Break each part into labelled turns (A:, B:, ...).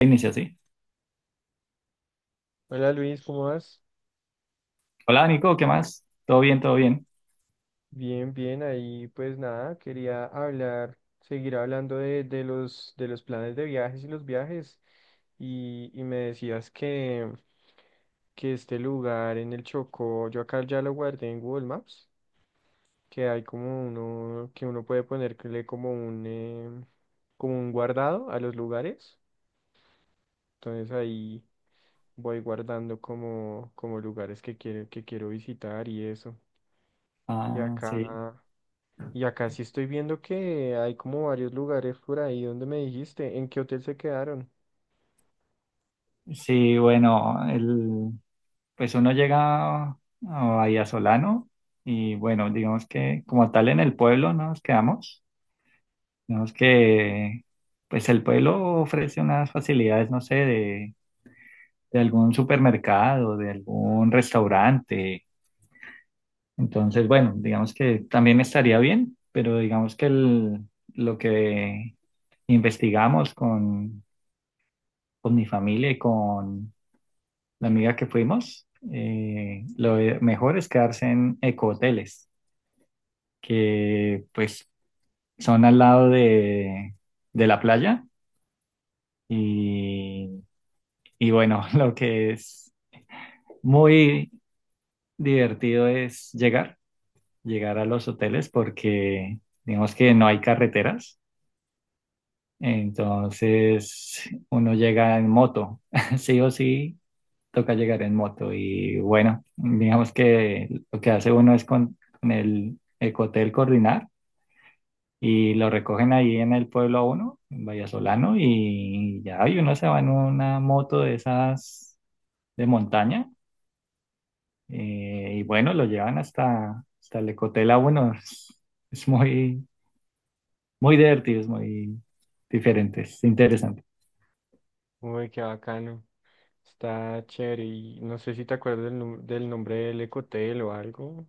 A: Inicia así.
B: Hola Luis, ¿cómo vas?
A: Hola Nico, ¿qué más? ¿Todo bien, todo bien?
B: Bien, bien, ahí pues nada, quería hablar, seguir hablando de los planes de viajes y los viajes. Y me decías que este lugar en el Chocó, yo acá ya lo guardé en Google Maps, que hay como uno, que uno puede ponerle como un guardado a los lugares. Entonces ahí voy guardando como lugares que quiero visitar y eso. Y
A: Ah, sí.
B: acá. Y acá sí estoy viendo que hay como varios lugares por ahí donde me dijiste, ¿en qué hotel se quedaron?
A: Sí, bueno, pues uno llega a Bahía Solano y bueno, digamos que como tal en el pueblo no nos quedamos. Digamos que pues el pueblo ofrece unas facilidades, no sé, de algún supermercado, de algún restaurante. Entonces, bueno, digamos que también estaría bien, pero digamos que lo que investigamos con mi familia y con la amiga que fuimos, lo mejor es quedarse en ecohoteles, que pues son al lado de la playa y, y bueno, lo que es muy divertido es llegar, llegar a los hoteles porque digamos que no hay carreteras, entonces uno llega en moto, sí o sí toca llegar en moto y bueno, digamos que lo que hace uno es con el ecotel coordinar y lo recogen ahí en el pueblo a uno, en Vallasolano, y ya y uno se va en una moto de esas de montaña y bueno, lo llevan hasta el ecotel a uno. Es muy divertido, es muy diferente, es interesante.
B: Uy, qué bacano. Está chévere. Y no sé si te acuerdas del nombre del ecotel o algo.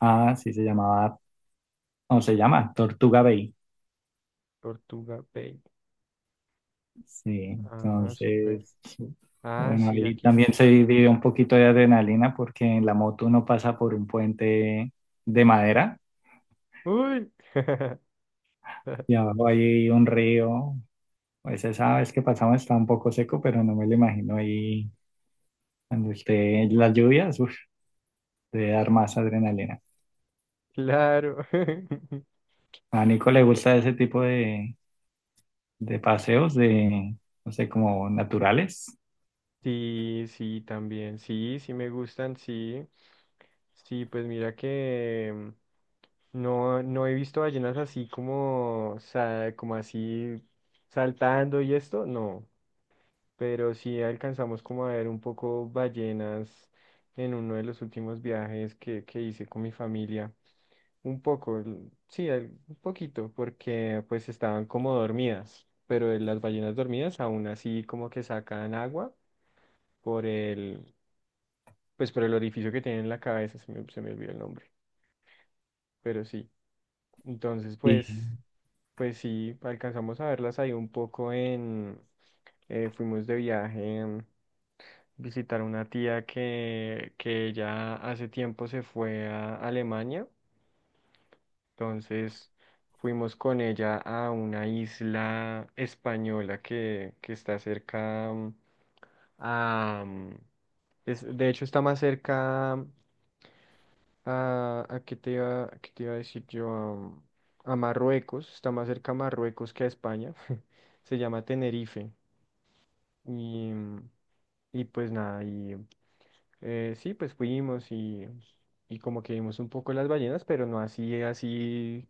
A: Ah, sí, o se llama Tortuga Bay.
B: Tortuga Bay.
A: Sí,
B: Ah, súper.
A: entonces,
B: Ah,
A: bueno,
B: sí,
A: ahí
B: aquí ya
A: también
B: me
A: se
B: salió.
A: vive un poquito de adrenalina porque en la moto uno pasa por un puente de madera
B: Uy,
A: y abajo hay un río. Pues esa vez que pasamos está un poco seco, pero no me lo imagino ahí cuando esté las lluvias, uf, debe dar más adrenalina.
B: claro.
A: A Nico le gusta ese tipo de paseos de, no sé, como naturales.
B: Sí, sí, también, sí, sí me gustan, sí. Sí, pues mira que no, no he visto ballenas así como así saltando y esto, no, pero sí alcanzamos como a ver un poco ballenas en uno de los últimos viajes que hice con mi familia. Un poco, sí, un poquito, porque pues estaban como dormidas, pero las ballenas dormidas aún así como que sacan agua por el por el orificio que tiene en la cabeza, se me olvidó el nombre, pero sí. Entonces, pues sí, alcanzamos a verlas ahí un poco. Fuimos de viaje a visitar una tía que ya hace tiempo se fue a Alemania, entonces fuimos con ella a una isla española que está cerca. Mm, a, mm, es- de hecho está más cerca. ¿A qué te iba, a decir yo? Marruecos, está más cerca a Marruecos que a España. Se llama Tenerife. Y, y pues nada, y sí, pues fuimos y como que vimos un poco las ballenas, pero no así, así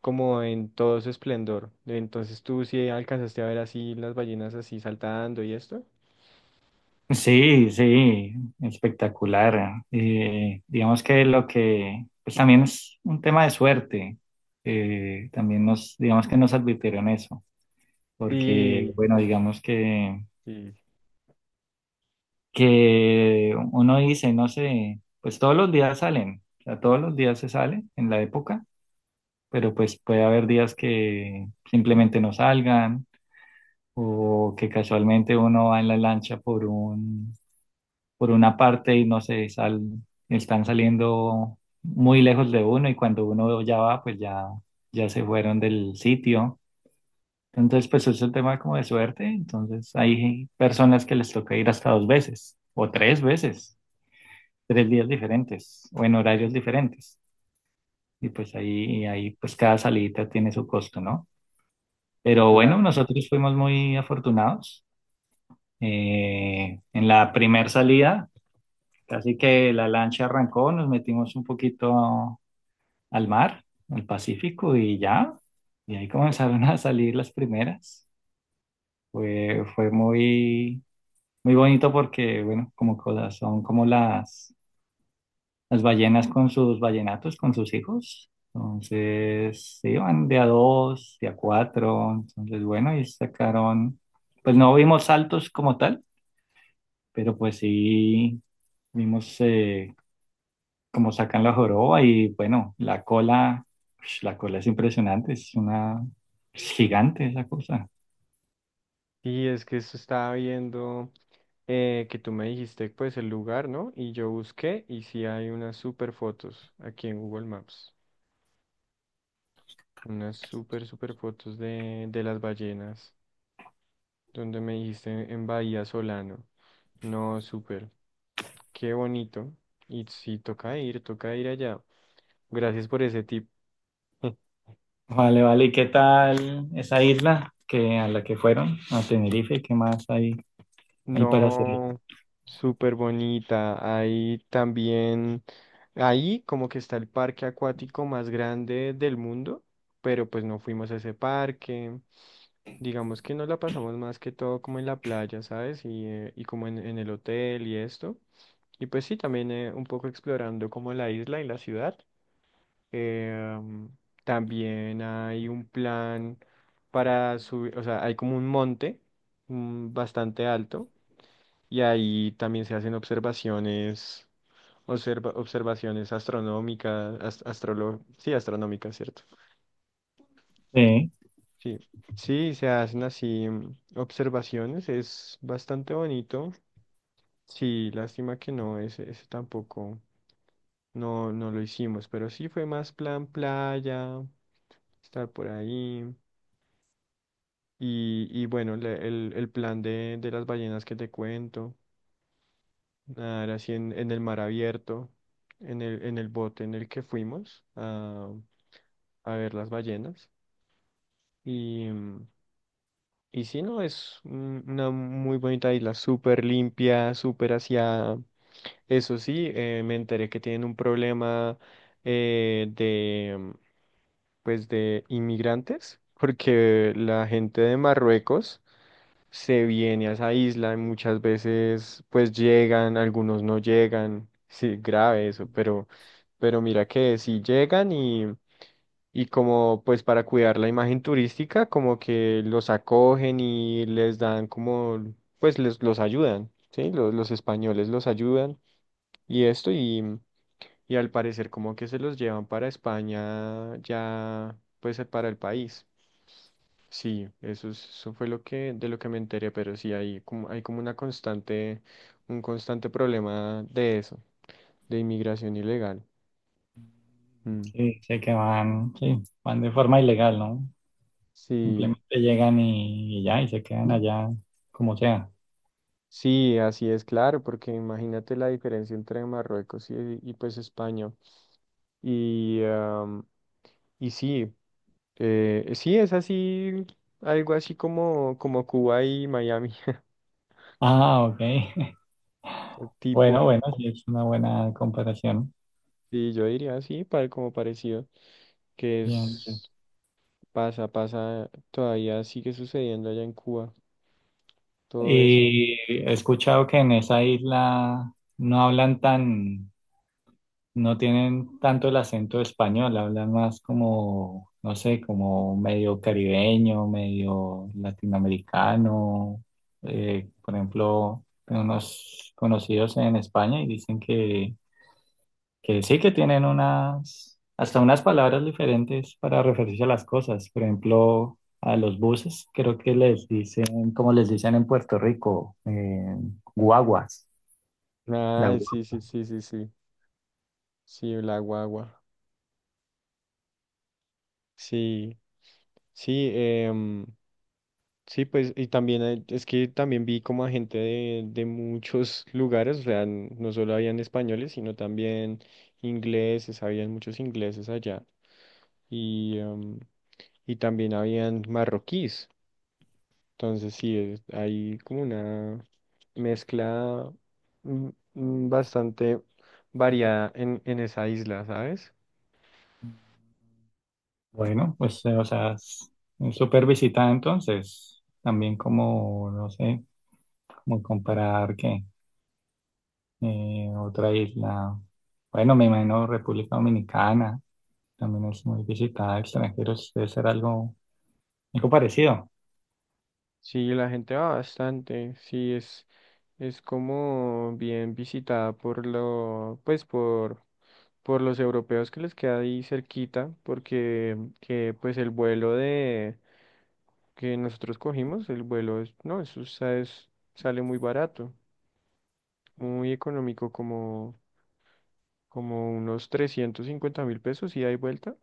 B: como en todo su esplendor. Entonces tú sí alcanzaste a ver así las ballenas así saltando y esto.
A: Sí, sí, espectacular. Digamos que lo que, pues también es un tema de suerte. También nos, digamos que nos advirtieron eso, porque,
B: Sí,
A: bueno, digamos que,
B: sí,
A: que uno dice, no sé, pues todos los días salen, o sea, todos los días se sale en la época, pero pues puede haber días que simplemente no salgan o que casualmente uno va en la lancha por una parte y no sé, están saliendo muy lejos de uno y cuando uno ya va, pues ya se fueron del sitio. Entonces, pues es un tema como de suerte. Entonces, hay personas que les toca ir hasta 2 veces o 3 veces, 3 días diferentes o en horarios diferentes. Y pues
B: sí,
A: ahí, y ahí pues cada salida tiene su costo, ¿no? Pero bueno,
B: claro.
A: nosotros fuimos muy afortunados. En la primera salida casi que la lancha arrancó, nos metimos un poquito al mar, al Pacífico, y ya. Y ahí comenzaron a salir las primeras. Fue muy, muy bonito porque, bueno, como cosas, son como las ballenas con sus ballenatos, con sus hijos. Entonces, se iban de a dos, de a cuatro. Entonces, bueno, y sacaron, pues no vimos saltos como tal, pero pues sí vimos como sacan la joroba y bueno, la cola, ush, la cola es impresionante, es gigante esa cosa.
B: Sí, es que eso estaba viendo, que tú me dijiste pues el lugar, ¿no? Y yo busqué y sí hay unas super fotos aquí en Google Maps. Unas super, super fotos de las ballenas, donde me dijiste en Bahía Solano. No, súper, qué bonito. Y sí, toca ir allá. Gracias por ese tip.
A: Vale, vale, ¿y qué tal esa isla que a la que fueron, a Tenerife? ¿Qué más hay, hay para hacer?
B: No, súper bonita. Ahí también, ahí como que está el parque acuático más grande del mundo, pero pues no fuimos a ese parque. Digamos que nos la pasamos más que todo como en la playa, ¿sabes? Y como en el hotel y esto. Y pues sí, también un poco explorando como la isla y la ciudad. Eh, um, también hay un plan para subir, o sea, hay como un monte bastante alto y ahí también se hacen observaciones astronómicas, sí, astronómicas, ¿cierto?
A: Sí,
B: Sí, sí, se hacen así observaciones, es bastante bonito. Sí, lástima que no, ese tampoco, no, no lo hicimos, pero sí fue más plan playa, estar por ahí. Y bueno, el plan de las ballenas que te cuento. Nadar así en el mar abierto, en el bote en el que fuimos a ver las ballenas. Y, mm, y sí, no, es una muy bonita isla, súper limpia, súper aseada. Eso sí, me enteré que tienen un problema eh, de, mm, pues de inmigrantes, porque la gente de Marruecos se viene a esa isla y muchas veces pues llegan, algunos no llegan, sí, grave eso, pero mira que sí llegan y como pues para cuidar la imagen turística, como que los acogen y les dan como, pues les, los ayudan, ¿sí? Los españoles los ayudan y esto y al parecer como que se los llevan para España ya pues para el país. Sí, eso fue lo que, de lo que me enteré, pero sí hay como una constante, un constante problema de eso, de inmigración ilegal. Mm.
A: sí, sé que van, sí, van de forma ilegal, ¿no?
B: Sí,
A: Simplemente llegan y ya, y se quedan allá como sea.
B: sí, así es, claro, porque imagínate la diferencia entre Marruecos y pues España. Y, am, y sí, sí, es así, algo así como Cuba y Miami,
A: Ah, ok.
B: tipo,
A: Bueno, bueno, sí, es una buena comparación.
B: y yo diría así, como parecido, que
A: Bien.
B: es.
A: Sí.
B: Pasa, pasa, todavía sigue sucediendo allá en Cuba, todo eso.
A: Y he escuchado que en esa isla no hablan tan, no tienen tanto el acento español, hablan más como, no sé, como medio caribeño, medio latinoamericano. Por ejemplo, tengo unos conocidos en España y dicen que sí que tienen unas, hasta unas palabras diferentes para referirse a las cosas. Por ejemplo, a los buses, creo que les dicen, como les dicen en Puerto Rico, guaguas, la
B: Ay, sí, sí,
A: guagua.
B: sí, sí, sí. Sí, la guagua. Sí, sí, sí, pues, y también es que también vi como a gente de muchos lugares, o sea, no solo habían españoles, sino también ingleses, habían muchos ingleses allá. Y, em, y también habían marroquíes. Entonces, sí, hay como una mezcla mm, bastante variada en esa isla, ¿sabes?
A: Bueno, pues, o sea, es súper visitada entonces. También como, no sé, como comparar que otra isla, bueno, me imagino República Dominicana, también es muy visitada, extranjeros, debe ser algo, algo parecido.
B: Sí, la gente va bastante, sí, es como bien visitada por lo, pues por los europeos que les queda ahí cerquita, porque pues el vuelo de que nosotros cogimos, el vuelo es, no, eso sale muy barato, muy económico, como unos 350.000 pesos y hay vuelta.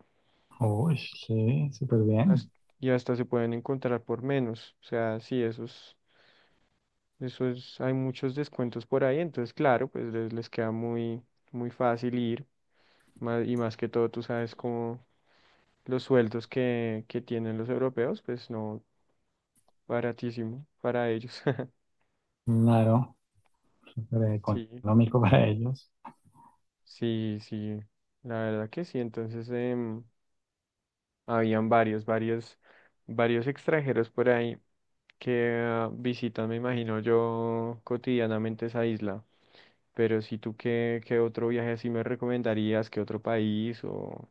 A: Uy, sí, súper
B: has-
A: bien.
B: y hasta se pueden encontrar por menos. O sea, sí, esos, hay muchos descuentos por ahí, entonces claro, pues les queda muy, muy fácil ir. Y más que todo, tú sabes cómo los sueldos que tienen los europeos, pues no, baratísimo para ellos.
A: Claro, súper
B: Sí,
A: económico para ellos.
B: sí, sí, la verdad que sí. Entonces, habían varios extranjeros por ahí que visitan, me imagino yo, cotidianamente esa isla. ¿Pero si tú qué, otro viaje así me recomendarías, qué otro país o,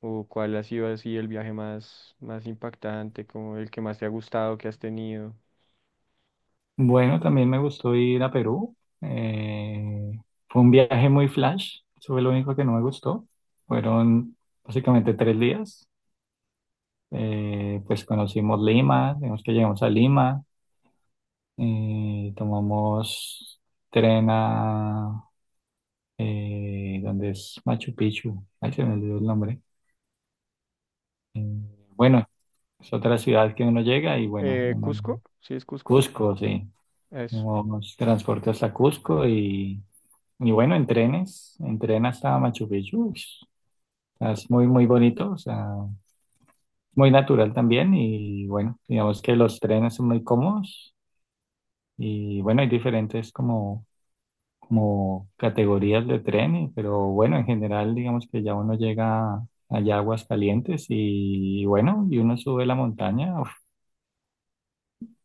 B: o cuál ha sido así el viaje más impactante, como el que más te ha gustado, que has tenido?
A: Bueno, también me gustó ir a Perú. Eh, Fue un viaje muy flash. Eso fue lo único que no me gustó. Fueron básicamente 3 días. Pues conocimos Lima, digamos que llegamos a Lima. Tomamos tren a... donde es Machu Picchu. Ay, se me olvidó el nombre. Eh, bueno, es otra ciudad que uno llega y bueno, uno...
B: ¿Cusco? ¿Sí es Cusco?
A: Cusco, sí.
B: Eso.
A: Nos transporte hasta Cusco y bueno, en tren hasta Machu Picchu. Ush, o sea, es muy, muy bonito, o sea, muy natural también y bueno, digamos que los trenes son muy cómodos y bueno, hay diferentes como, como categorías de tren, y- pero bueno, en general digamos que ya uno llega allá a Aguascalientes y, bueno, y uno sube la montaña.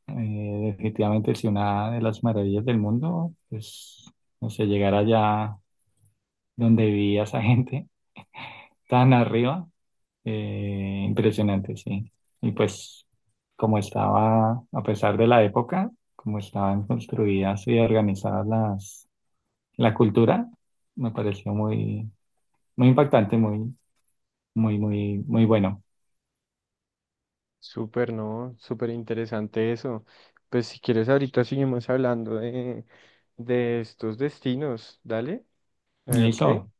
A: Eh, Definitivamente sí, una de las maravillas del mundo, pues, no sé, llegar allá donde vivía esa gente, tan arriba, impresionante, sí. Y pues, como estaba, a pesar de la época, como estaban construidas y organizadas la cultura, me pareció muy, muy impactante, muy bueno.
B: Súper, ¿no? Súper interesante eso. Pues si quieres ahorita seguimos hablando de estos destinos. Dale. Eh,
A: Y
B: ok.
A: eso,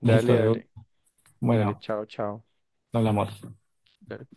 B: Dale,
A: eso,
B: dale. Dale,
A: bueno,
B: chao, chao.
A: hablamos.
B: Dale.